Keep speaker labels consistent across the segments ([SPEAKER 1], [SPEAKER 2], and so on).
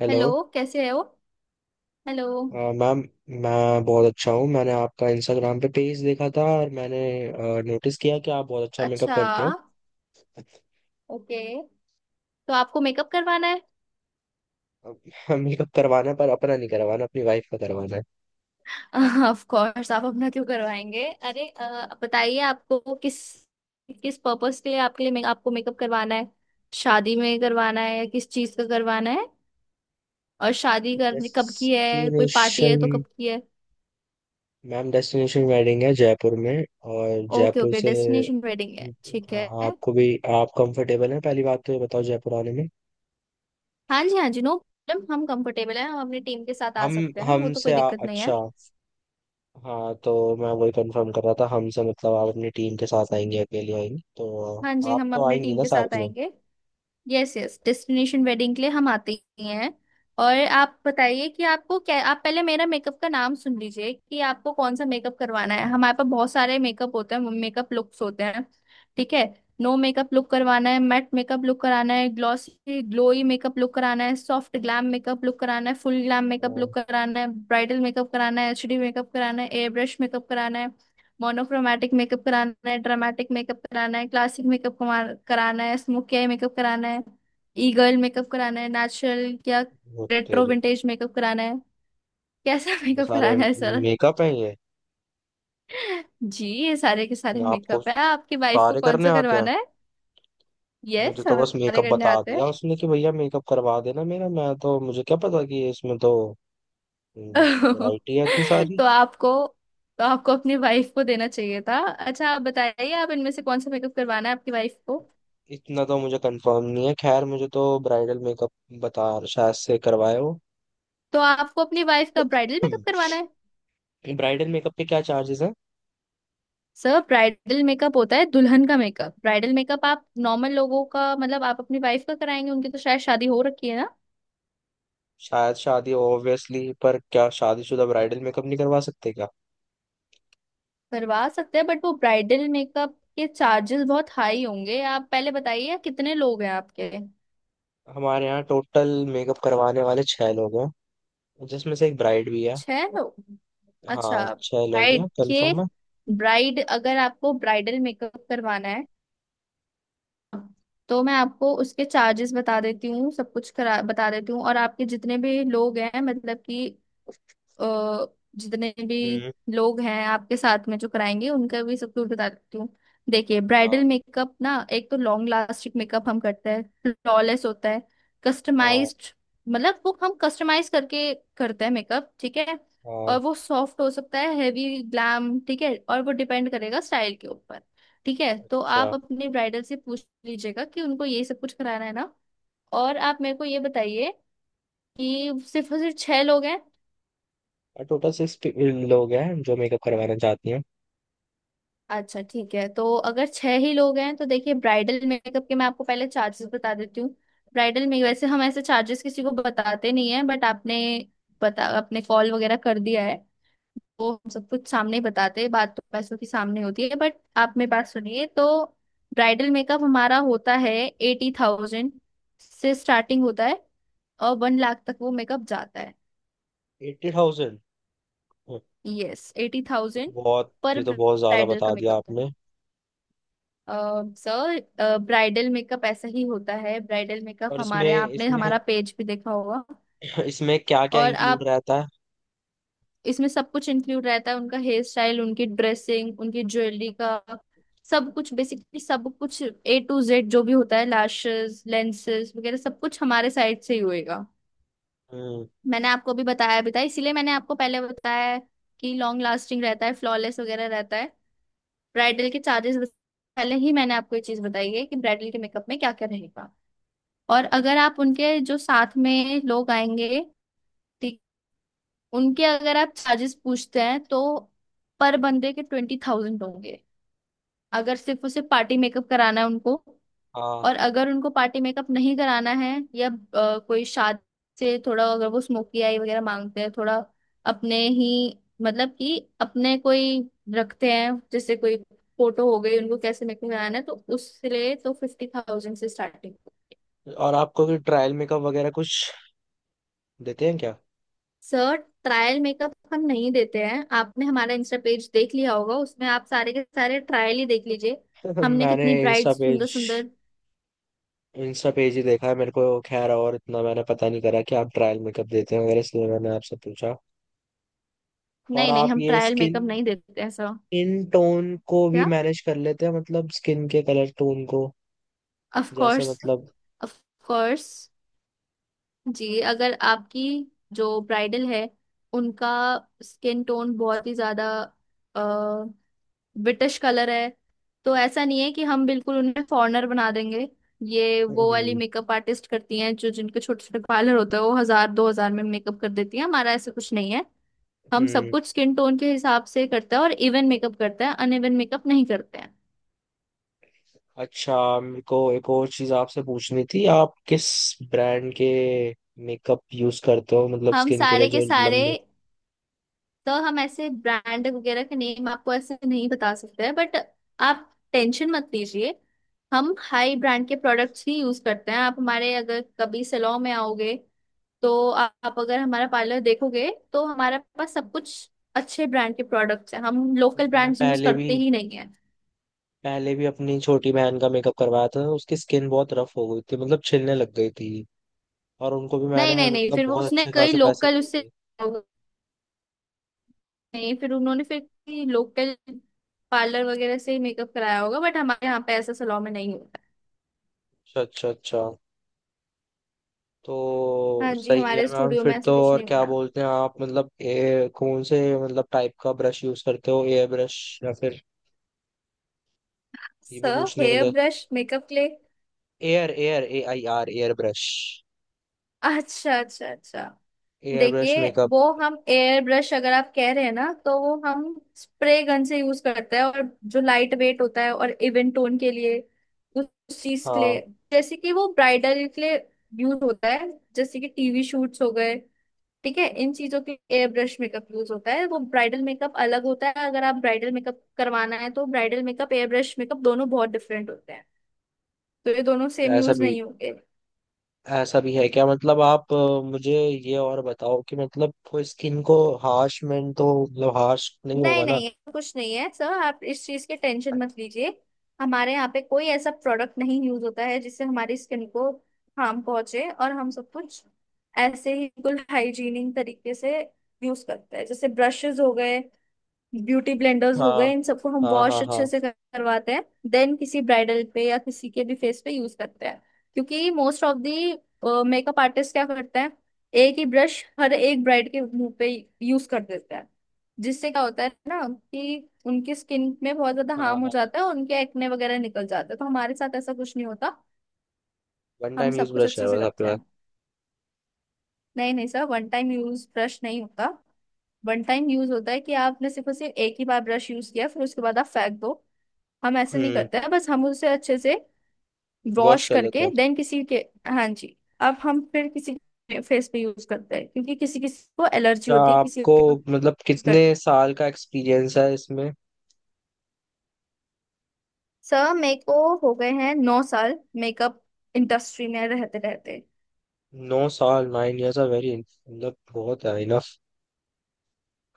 [SPEAKER 1] Hello.
[SPEAKER 2] Hello, कैसे हो। Hello.
[SPEAKER 1] Ma'am, मैं बहुत अच्छा हूँ। मैंने आपका इंस्टाग्राम पे पेज देखा था और मैंने नोटिस किया कि आप बहुत अच्छा मेकअप
[SPEAKER 2] अच्छा।
[SPEAKER 1] करते
[SPEAKER 2] ओके। तो आपको मेकअप करवाना है?
[SPEAKER 1] हो। मेकअप करवाना है, पर अपना नहीं करवाना, अपनी वाइफ का करवाना है।
[SPEAKER 2] ऑफ कोर्स, आप अपना क्यों करवाएंगे। अरे बताइए आपको किस किस पर्पस के लिए, आपके लिए आपको मेकअप करवाना है? शादी में करवाना है या किस चीज का करवाना है? और शादी करनी कब की है? कोई पार्टी है
[SPEAKER 1] डेस्टिनेशन
[SPEAKER 2] तो कब की है?
[SPEAKER 1] मैम, डेस्टिनेशन वेडिंग है जयपुर में। और
[SPEAKER 2] ओके
[SPEAKER 1] जयपुर
[SPEAKER 2] ओके,
[SPEAKER 1] से
[SPEAKER 2] डेस्टिनेशन वेडिंग है, ठीक है।
[SPEAKER 1] आपको भी, आप कंफर्टेबल हैं पहली बात तो ये बताओ, जयपुर आने में?
[SPEAKER 2] हाँ जी हाँ जी, नो प्रॉब्लम, हम कंफर्टेबल हैं, हम अपनी टीम के साथ आ
[SPEAKER 1] हम
[SPEAKER 2] सकते हैं, वो तो कोई दिक्कत नहीं है।
[SPEAKER 1] अच्छा, हाँ, तो मैं वही कंफर्म कर रहा था, हमसे मतलब आप अपनी टीम के साथ आएंगे, अकेले आएंगे तो?
[SPEAKER 2] हाँ जी,
[SPEAKER 1] आप
[SPEAKER 2] हम
[SPEAKER 1] तो
[SPEAKER 2] अपने
[SPEAKER 1] आएंगी
[SPEAKER 2] टीम
[SPEAKER 1] ना
[SPEAKER 2] के साथ
[SPEAKER 1] साथ में?
[SPEAKER 2] आएंगे। यस यस, डेस्टिनेशन वेडिंग के लिए हम आते ही हैं। और आप बताइए कि आपको क्या, आप पहले मेरा मेकअप का नाम सुन लीजिए कि आपको कौन सा मेकअप करवाना है। हमारे पास बहुत सारे मेकअप होते हैं, मेकअप लुक्स होते हैं। ठीक है। नो मेकअप लुक करवाना है, मैट मेकअप लुक कराना है, ग्लॉसी ग्लोई मेकअप लुक कराना है, सॉफ्ट ग्लैम मेकअप लुक कराना है, फुल ग्लैम मेकअप
[SPEAKER 1] ओ,
[SPEAKER 2] लुक कराना है, ब्राइडल मेकअप कराना है, एचडी मेकअप कराना है, एयर ब्रश मेकअप कराना है, मोनोक्रोमैटिक मेकअप कराना है, ड्रामेटिक मेकअप कराना है, क्लासिक मेकअप कराना है, स्मोकी आई मेकअप कराना है, ई गर्ल मेकअप कराना है, नेचुरल या
[SPEAKER 1] वो
[SPEAKER 2] रेट्रो
[SPEAKER 1] तेरी,
[SPEAKER 2] विंटेज मेकअप कराना है। कैसा
[SPEAKER 1] ये
[SPEAKER 2] मेकअप
[SPEAKER 1] सारे
[SPEAKER 2] कराना है सर?
[SPEAKER 1] मेकअप हैं ये?
[SPEAKER 2] जी, ये सारे के सारे
[SPEAKER 1] आपको
[SPEAKER 2] मेकअप है। आपकी वाइफ को
[SPEAKER 1] सारे
[SPEAKER 2] कौन
[SPEAKER 1] करने
[SPEAKER 2] सा
[SPEAKER 1] आते हैं?
[SPEAKER 2] करवाना है?
[SPEAKER 1] मुझे
[SPEAKER 2] यस,
[SPEAKER 1] तो बस
[SPEAKER 2] हमारे
[SPEAKER 1] मेकअप
[SPEAKER 2] करने
[SPEAKER 1] बता
[SPEAKER 2] आते हैं।
[SPEAKER 1] दिया उसने कि भैया मेकअप करवा देना मेरा, मैं तो, मुझे क्या पता कि इसमें तो वैरायटी है इतनी सारी।
[SPEAKER 2] तो आपको तो आपको अपनी वाइफ को देना चाहिए था। अच्छा, आप बताइए, आप इनमें से कौन सा मेकअप करवाना है आपकी वाइफ को?
[SPEAKER 1] इतना तो मुझे कंफर्म नहीं है, खैर मुझे तो ब्राइडल मेकअप बता शायद से करवाए हो।
[SPEAKER 2] तो आपको अपनी वाइफ का ब्राइडल मेकअप करवाना है।
[SPEAKER 1] ब्राइडल मेकअप के क्या चार्जेस हैं?
[SPEAKER 2] सर, ब्राइडल मेकअप होता है दुल्हन का मेकअप। ब्राइडल मेकअप आप नॉर्मल लोगों का, मतलब आप अपनी वाइफ का कराएंगे, उनकी तो शायद शादी हो रखी है ना।
[SPEAKER 1] शायद शादी ऑब्वियसली, पर क्या शादीशुदा ब्राइडल मेकअप नहीं करवा सकते क्या?
[SPEAKER 2] करवा सकते हैं, बट वो ब्राइडल मेकअप के चार्जेस बहुत हाई होंगे। आप पहले बताइए, कितने लोग हैं आपके?
[SPEAKER 1] हमारे यहाँ टोटल मेकअप करवाने वाले छह लोग हैं, जिसमें से एक ब्राइड भी है।
[SPEAKER 2] छह लोग। अच्छा,
[SPEAKER 1] हाँ, छह लोग
[SPEAKER 2] ब्राइड,
[SPEAKER 1] हैं,
[SPEAKER 2] देखिए,
[SPEAKER 1] कंफर्म है।
[SPEAKER 2] ब्राइड अगर आपको ब्राइडल मेकअप करवाना है तो मैं आपको उसके चार्जेस बता देती हूँ, सब कुछ करा बता देती हूँ। और आपके जितने भी लोग हैं, मतलब कि अ, जितने भी
[SPEAKER 1] हम्म।
[SPEAKER 2] लोग हैं आपके साथ में जो कराएंगे, उनका भी सब कुछ बताती हूँ। देखिए,
[SPEAKER 1] हाँ,
[SPEAKER 2] ब्राइडल मेकअप ना एक तो लॉन्ग लास्टिक मेकअप हम करते हैं, फ्लॉलेस होता है,
[SPEAKER 1] हाँ,
[SPEAKER 2] कस्टमाइज्ड, मतलब वो हम कस्टमाइज करके करते हैं मेकअप, ठीक है। और
[SPEAKER 1] हाँ।
[SPEAKER 2] वो सॉफ्ट हो सकता है, हैवी ग्लैम, ठीक है, और वो डिपेंड करेगा स्टाइल के ऊपर। ठीक है, तो
[SPEAKER 1] अच्छा।
[SPEAKER 2] आप अपने ब्राइडल से पूछ लीजिएगा कि उनको ये सब कुछ कराना है ना। और आप मेरे को ये बताइए कि सिर्फ और सिर्फ छह लोग हैं?
[SPEAKER 1] और टोटल सिक्स लोग हैं जो मेकअप करवाना चाहती हैं।
[SPEAKER 2] अच्छा ठीक है, तो अगर छह ही लोग हैं तो देखिए ब्राइडल मेकअप के मैं आपको पहले चार्जेस बता देती हूँ। ब्राइडल में वैसे हम ऐसे चार्जेस किसी को बताते नहीं है, बट आपने बता आपने कॉल वगैरह कर दिया है तो हम सब कुछ सामने ही बताते हैं। बात तो पैसों की सामने होती है। बट आप मेरी बात सुनिए तो, ब्राइडल मेकअप हमारा होता है 80,000 से स्टार्टिंग होता है, और 1,00,000 तक वो मेकअप जाता है।
[SPEAKER 1] 80,000? ये
[SPEAKER 2] यस, एटी
[SPEAKER 1] तो
[SPEAKER 2] थाउजेंड
[SPEAKER 1] बहुत,
[SPEAKER 2] पर
[SPEAKER 1] ये तो बहुत ज्यादा
[SPEAKER 2] ब्राइडल का
[SPEAKER 1] बता दिया
[SPEAKER 2] मेकअप,
[SPEAKER 1] आपने।
[SPEAKER 2] सर, ब्राइडल मेकअप ऐसा ही होता है। ब्राइडल
[SPEAKER 1] और
[SPEAKER 2] मेकअप
[SPEAKER 1] इसमें
[SPEAKER 2] हमारे यहाँ, आपने
[SPEAKER 1] इसमें
[SPEAKER 2] हमारा पेज भी देखा होगा।
[SPEAKER 1] इसमें क्या क्या
[SPEAKER 2] और
[SPEAKER 1] इंक्लूड
[SPEAKER 2] आप,
[SPEAKER 1] रहता है?
[SPEAKER 2] इसमें सब कुछ इंक्लूड रहता है, उनका हेयर स्टाइल, उनकी ड्रेसिंग, उनकी ज्वेलरी का सब कुछ, बेसिकली सब कुछ ए टू जेड जो भी होता है, लाशेस, लेंसेस वगैरह सब कुछ हमारे साइड से ही होएगा।
[SPEAKER 1] हम्म।
[SPEAKER 2] मैंने आपको अभी बताया भी था, इसीलिए मैंने आपको पहले बताया है कि लॉन्ग लास्टिंग रहता है, फ्लॉलेस वगैरह रहता है। ब्राइडल के चार्जेस पहले ही मैंने आपको ये चीज बताई है कि ब्राइडल के मेकअप में क्या क्या रहेगा। और अगर आप उनके, जो साथ में लोग आएंगे, ठीक, उनके अगर आप चार्जेस पूछते हैं तो पर बंदे के 20,000 होंगे, अगर सिर्फ उसे पार्टी मेकअप कराना है उनको।
[SPEAKER 1] हाँ।
[SPEAKER 2] और अगर उनको पार्टी मेकअप नहीं कराना है, या कोई शादी से थोड़ा, अगर वो स्मोकी आई वगैरह मांगते हैं थोड़ा अपने ही, मतलब कि अपने कोई रखते हैं, जैसे कोई फोटो हो गई, उनको कैसे मेकअप कराना है, तो उसके लिए तो 50,000 से स्टार्टिंग।
[SPEAKER 1] और आपको कोई ट्रायल मेकअप वगैरह कुछ देते हैं क्या?
[SPEAKER 2] सर, ट्रायल मेकअप हम नहीं देते हैं। आपने हमारा इंस्टा पेज देख लिया होगा, उसमें आप सारे के सारे ट्रायल ही देख लीजिए। हमने
[SPEAKER 1] मैंने
[SPEAKER 2] कितनी ब्राइट, सुंदर सुंदर।
[SPEAKER 1] इंस्टा पेज ही देखा है मेरे को। खैर, और इतना मैंने पता नहीं करा कि आप ट्रायल मेकअप देते हैं वगैरह, इसलिए मैंने आपसे पूछा। और
[SPEAKER 2] नहीं नहीं,
[SPEAKER 1] आप
[SPEAKER 2] हम
[SPEAKER 1] ये
[SPEAKER 2] ट्रायल
[SPEAKER 1] स्किन
[SPEAKER 2] मेकअप नहीं देते हैं सर।
[SPEAKER 1] इन टोन को भी
[SPEAKER 2] क्या?
[SPEAKER 1] मैनेज कर लेते हैं, मतलब स्किन के कलर टोन को?
[SPEAKER 2] ऑफ
[SPEAKER 1] जैसे
[SPEAKER 2] कोर्स।
[SPEAKER 1] मतलब।
[SPEAKER 2] ऑफ कोर्स जी, अगर आपकी जो ब्राइडल है उनका स्किन टोन बहुत ही ज्यादा ब्रिटिश कलर है, तो ऐसा नहीं है कि हम बिल्कुल उन्हें फॉरेनर बना देंगे। ये वो वाली
[SPEAKER 1] हम्म।
[SPEAKER 2] मेकअप आर्टिस्ट करती हैं, जो जिनके छोटे छोटे पार्लर होते हैं, वो हजार दो हजार में मेकअप कर देती हैं। हमारा ऐसा कुछ नहीं है, हम सब
[SPEAKER 1] हम्म।
[SPEAKER 2] कुछ स्किन टोन के हिसाब से करते हैं, और इवन मेकअप करते हैं, अनइवन मेकअप नहीं करते हैं।
[SPEAKER 1] अच्छा। मेरे को एक और चीज आपसे पूछनी थी, आप किस ब्रांड के मेकअप यूज करते हो, मतलब
[SPEAKER 2] हम
[SPEAKER 1] स्किन के लिए
[SPEAKER 2] सारे के
[SPEAKER 1] जो
[SPEAKER 2] सारे,
[SPEAKER 1] लंबे।
[SPEAKER 2] तो हम ऐसे ब्रांड वगैरह के नेम आपको ऐसे नहीं बता सकते हैं, बट आप टेंशन मत लीजिए, हम हाई ब्रांड के प्रोडक्ट्स ही यूज करते हैं। आप हमारे अगर कभी सैलून में आओगे तो आप अगर हमारा पार्लर देखोगे तो हमारे पास सब कुछ अच्छे ब्रांड के प्रोडक्ट्स हैं। हम लोकल
[SPEAKER 1] मैंने
[SPEAKER 2] ब्रांड्स यूज करते ही नहीं है।
[SPEAKER 1] पहले भी अपनी छोटी बहन का मेकअप करवाया था, उसकी स्किन बहुत रफ हो गई थी, मतलब छिलने लग गई थी। और उनको भी
[SPEAKER 2] नहीं
[SPEAKER 1] मैंने
[SPEAKER 2] नहीं नहीं,
[SPEAKER 1] मतलब
[SPEAKER 2] फिर वो
[SPEAKER 1] बहुत
[SPEAKER 2] उसने
[SPEAKER 1] अच्छे
[SPEAKER 2] कई
[SPEAKER 1] खासे पैसे
[SPEAKER 2] लोकल
[SPEAKER 1] दिए
[SPEAKER 2] उससे,
[SPEAKER 1] थे।
[SPEAKER 2] नहीं, फिर उन्होंने फिर लोकल पार्लर वगैरह से ही मेकअप कराया होगा, बट हमारे यहाँ पे ऐसा सैलून में नहीं।
[SPEAKER 1] अच्छा, अच्छा, अच्छा। तो
[SPEAKER 2] हाँ जी,
[SPEAKER 1] सही है
[SPEAKER 2] हमारे
[SPEAKER 1] मैम,
[SPEAKER 2] स्टूडियो में
[SPEAKER 1] फिर तो
[SPEAKER 2] ऐसा कुछ
[SPEAKER 1] और
[SPEAKER 2] नहीं
[SPEAKER 1] क्या
[SPEAKER 2] होगा।
[SPEAKER 1] बोलते हैं आप, मतलब कौन से मतलब टाइप का ब्रश यूज करते हो, एयर ब्रश या फिर? ये भी
[SPEAKER 2] सर
[SPEAKER 1] पूछने के
[SPEAKER 2] हेयर
[SPEAKER 1] लिए
[SPEAKER 2] brush makeup clay,
[SPEAKER 1] air air A I R, air brush.
[SPEAKER 2] अच्छा अच्छा अच्छा,
[SPEAKER 1] एयर ब्रश
[SPEAKER 2] देखिए
[SPEAKER 1] मेकअप।
[SPEAKER 2] वो हम एयर ब्रश अगर आप कह रहे हैं ना तो वो हम स्प्रे गन से यूज करते हैं, और जो लाइट वेट होता है और इवन टोन के लिए, उस चीज के लिए,
[SPEAKER 1] हाँ।
[SPEAKER 2] जैसे कि वो ब्राइडल के लिए यूज होता है, जैसे कि टीवी शूट्स हो गए, ठीक है, इन चीजों के एयर ब्रश मेकअप यूज होता है। वो ब्राइडल मेकअप अलग होता है। अगर आप ब्राइडल मेकअप करवाना है तो bridal makeup air brush makeup दोनों बहुत डिफरेंट होते हैं, तो ये दोनों सेम
[SPEAKER 1] ऐसा
[SPEAKER 2] यूज
[SPEAKER 1] भी
[SPEAKER 2] नहीं होंगे।
[SPEAKER 1] ऐसा भी है क्या, मतलब आप मुझे ये और बताओ कि मतलब वो स्किन को हार्शमेंट तो, मतलब हार्श नहीं
[SPEAKER 2] नहीं
[SPEAKER 1] होगा ना?
[SPEAKER 2] नहीं, ऐसा कुछ नहीं है सर, आप इस चीज की टेंशन मत लीजिए। हमारे यहाँ पे कोई ऐसा प्रोडक्ट नहीं यूज होता है जिससे हमारी स्किन को हार्म पहुंचे। और हम सब कुछ ऐसे ही बिल्कुल हाइजीनिक तरीके से यूज करते हैं, जैसे ब्रशेस हो गए, ब्यूटी ब्लेंडर्स हो
[SPEAKER 1] हाँ,
[SPEAKER 2] गए, इन सबको हम
[SPEAKER 1] हाँ,
[SPEAKER 2] वॉश
[SPEAKER 1] हाँ,
[SPEAKER 2] अच्छे
[SPEAKER 1] हाँ,
[SPEAKER 2] से करवाते हैं, देन किसी ब्राइडल पे या किसी के भी फेस पे यूज करते हैं। क्योंकि most of the makeup artist क्या करते हैं, एक ही ब्रश हर एक ब्राइड के मुंह पे यूज कर देते हैं, जिससे क्या होता है ना कि उनकी स्किन में बहुत ज्यादा
[SPEAKER 1] हाँ,
[SPEAKER 2] हार्म हो
[SPEAKER 1] हाँ।
[SPEAKER 2] जाता है और उनके एक्ने वगैरह निकल जाते हैं। तो हमारे साथ ऐसा कुछ नहीं होता,
[SPEAKER 1] वन
[SPEAKER 2] हम
[SPEAKER 1] टाइम
[SPEAKER 2] सब
[SPEAKER 1] यूज
[SPEAKER 2] कुछ
[SPEAKER 1] ब्रश
[SPEAKER 2] अच्छे
[SPEAKER 1] है
[SPEAKER 2] से
[SPEAKER 1] बस आपके
[SPEAKER 2] करते
[SPEAKER 1] पास?
[SPEAKER 2] हैं। नहीं नहीं sir, one time use brush नहीं होता। वन टाइम यूज होता है कि आपने सिर्फ और सिर्फ एक ही बार ब्रश यूज किया फिर उसके बाद आप फेंक दो। हम ऐसे नहीं
[SPEAKER 1] हम्म।
[SPEAKER 2] करते हैं, बस हम उसे अच्छे से
[SPEAKER 1] वॉश
[SPEAKER 2] वॉश
[SPEAKER 1] कर लेते
[SPEAKER 2] करके
[SPEAKER 1] हैं।
[SPEAKER 2] देन किसी के, हाँ जी, अब हम फिर किसी के फेस पे यूज करते हैं, क्योंकि किसी किसी को एलर्जी
[SPEAKER 1] अच्छा,
[SPEAKER 2] होती है, किसी
[SPEAKER 1] आपको
[SPEAKER 2] को
[SPEAKER 1] मतलब
[SPEAKER 2] यूज कर,
[SPEAKER 1] कितने साल का एक्सपीरियंस है इसमें?
[SPEAKER 2] सर मेरे को हो गए हैं 9 साल मेकअप इंडस्ट्री में रहते रहते।
[SPEAKER 1] 9 साल, 9 इयर्स आर वेरी, मतलब बहुत है, इनफ।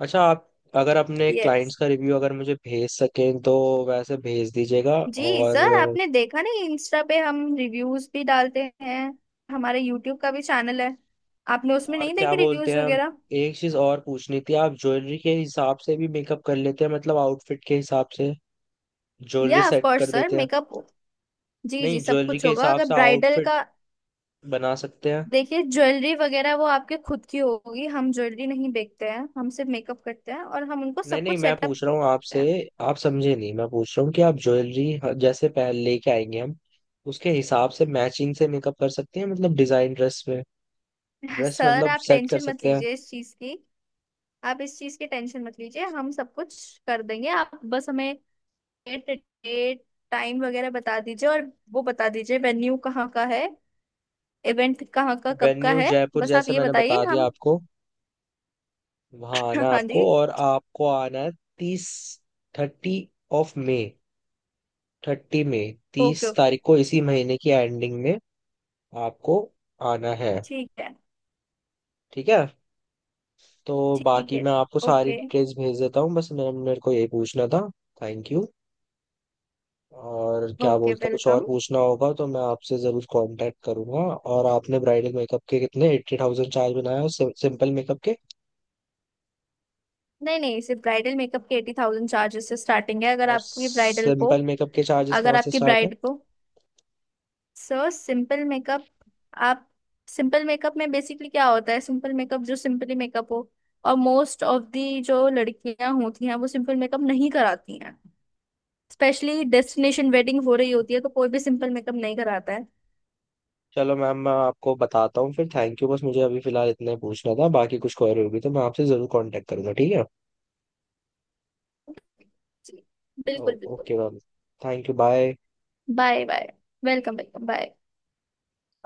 [SPEAKER 1] अच्छा, आप अगर अपने क्लाइंट्स
[SPEAKER 2] यस
[SPEAKER 1] का रिव्यू अगर मुझे भेज सकें तो वैसे भेज दीजिएगा।
[SPEAKER 2] जी सर, आपने देखा नहीं इंस्टा पे हम रिव्यूज भी डालते हैं, हमारे यूट्यूब का भी चैनल है, आपने उसमें
[SPEAKER 1] और
[SPEAKER 2] नहीं
[SPEAKER 1] क्या
[SPEAKER 2] देखे
[SPEAKER 1] बोलते
[SPEAKER 2] रिव्यूज
[SPEAKER 1] हैं, हम
[SPEAKER 2] वगैरह?
[SPEAKER 1] एक चीज और पूछनी थी, आप ज्वेलरी के हिसाब से भी मेकअप कर लेते हैं, मतलब आउटफिट के हिसाब से ज्वेलरी
[SPEAKER 2] या ऑफ
[SPEAKER 1] सेट
[SPEAKER 2] कोर्स
[SPEAKER 1] कर
[SPEAKER 2] सर,
[SPEAKER 1] देते हैं?
[SPEAKER 2] मेकअप, जी जी,
[SPEAKER 1] नहीं,
[SPEAKER 2] सब
[SPEAKER 1] ज्वेलरी
[SPEAKER 2] कुछ
[SPEAKER 1] के
[SPEAKER 2] होगा
[SPEAKER 1] हिसाब
[SPEAKER 2] अगर
[SPEAKER 1] से
[SPEAKER 2] ब्राइडल
[SPEAKER 1] आउटफिट
[SPEAKER 2] का।
[SPEAKER 1] बना सकते हैं?
[SPEAKER 2] देखिए ज्वेलरी वगैरह वो आपके खुद की होगी, हम ज्वेलरी नहीं बेचते हैं, हम सिर्फ मेकअप करते हैं और हम उनको
[SPEAKER 1] नहीं
[SPEAKER 2] सब
[SPEAKER 1] नहीं,
[SPEAKER 2] कुछ
[SPEAKER 1] मैं
[SPEAKER 2] सेटअप
[SPEAKER 1] पूछ रहा हूँ
[SPEAKER 2] करते
[SPEAKER 1] आपसे, आप समझे नहीं, मैं पूछ रहा हूँ कि आप ज्वेलरी जैसे पहन लेके आएंगे, हम उसके हिसाब से मैचिंग से मेकअप कर सकते हैं, मतलब डिजाइन ड्रेस में
[SPEAKER 2] हैं।
[SPEAKER 1] ड्रेस
[SPEAKER 2] सर,
[SPEAKER 1] मतलब
[SPEAKER 2] आप
[SPEAKER 1] सेट कर
[SPEAKER 2] टेंशन मत
[SPEAKER 1] सकते हैं?
[SPEAKER 2] लीजिए इस चीज की, आप इस चीज की टेंशन मत लीजिए, हम सब कुछ कर देंगे। आप बस हमें डेट डेट, टाइम वगैरह बता दीजिए, और वो बता दीजिए वेन्यू कहाँ का है, इवेंट कहाँ का कब का
[SPEAKER 1] वेन्यू
[SPEAKER 2] है।
[SPEAKER 1] जयपुर,
[SPEAKER 2] बस आप
[SPEAKER 1] जैसे
[SPEAKER 2] ये
[SPEAKER 1] मैंने
[SPEAKER 2] बताइए
[SPEAKER 1] बता दिया
[SPEAKER 2] हम,
[SPEAKER 1] आपको, वहां आना है
[SPEAKER 2] हाँ जी।
[SPEAKER 1] आपको, और आपको आना है 30, 30 of May, 30 May, 30
[SPEAKER 2] okay okay,
[SPEAKER 1] तारीख को, इसी महीने की एंडिंग में आपको आना है।
[SPEAKER 2] ठीक है,
[SPEAKER 1] ठीक है, तो
[SPEAKER 2] ठीक
[SPEAKER 1] बाकी
[SPEAKER 2] है।
[SPEAKER 1] मैं आपको सारी
[SPEAKER 2] ओके
[SPEAKER 1] डिटेल्स भेज देता हूँ, बस मेरे मेरे को यही पूछना था। Thank you. और क्या
[SPEAKER 2] ओके,
[SPEAKER 1] बोलता, कुछ और
[SPEAKER 2] वेलकम।
[SPEAKER 1] पूछना होगा तो मैं आपसे ज़रूर कांटेक्ट करूंगा। और आपने ब्राइडल मेकअप के कितने 80,000 चार्ज बनाया, और सिंपल मेकअप के,
[SPEAKER 2] नहीं नहीं, सिर्फ ब्राइडल मेकअप के 80,000 चार्जेस से स्टार्टिंग है। अगर
[SPEAKER 1] और
[SPEAKER 2] आपकी ब्राइडल को,
[SPEAKER 1] सिंपल मेकअप के चार्जेस कहाँ
[SPEAKER 2] अगर
[SPEAKER 1] से
[SPEAKER 2] आपकी
[SPEAKER 1] स्टार्ट है?
[SPEAKER 2] ब्राइड को, सो सिंपल मेकअप आप, सिंपल मेकअप में बेसिकली क्या होता है, सिंपल मेकअप जो सिंपली मेकअप हो, और मोस्ट ऑफ दी जो लड़कियां होती हैं वो सिंपल मेकअप नहीं कराती हैं, स्पेशली डेस्टिनेशन वेडिंग हो रही होती है तो कोई भी सिंपल मेकअप नहीं कराता है।
[SPEAKER 1] चलो मैम, मैं आपको बताता हूँ फिर। Thank you. बस मुझे अभी फिलहाल इतना ही पूछना था, बाकी कुछ क्वेरी होगी तो मैं आपसे जरूर कांटेक्ट करूंगा, ठीक है?
[SPEAKER 2] जी, बिल्कुल बिल्कुल।
[SPEAKER 1] Okay ma'am, thank you, bye.
[SPEAKER 2] Bye bye, welcome welcome bye.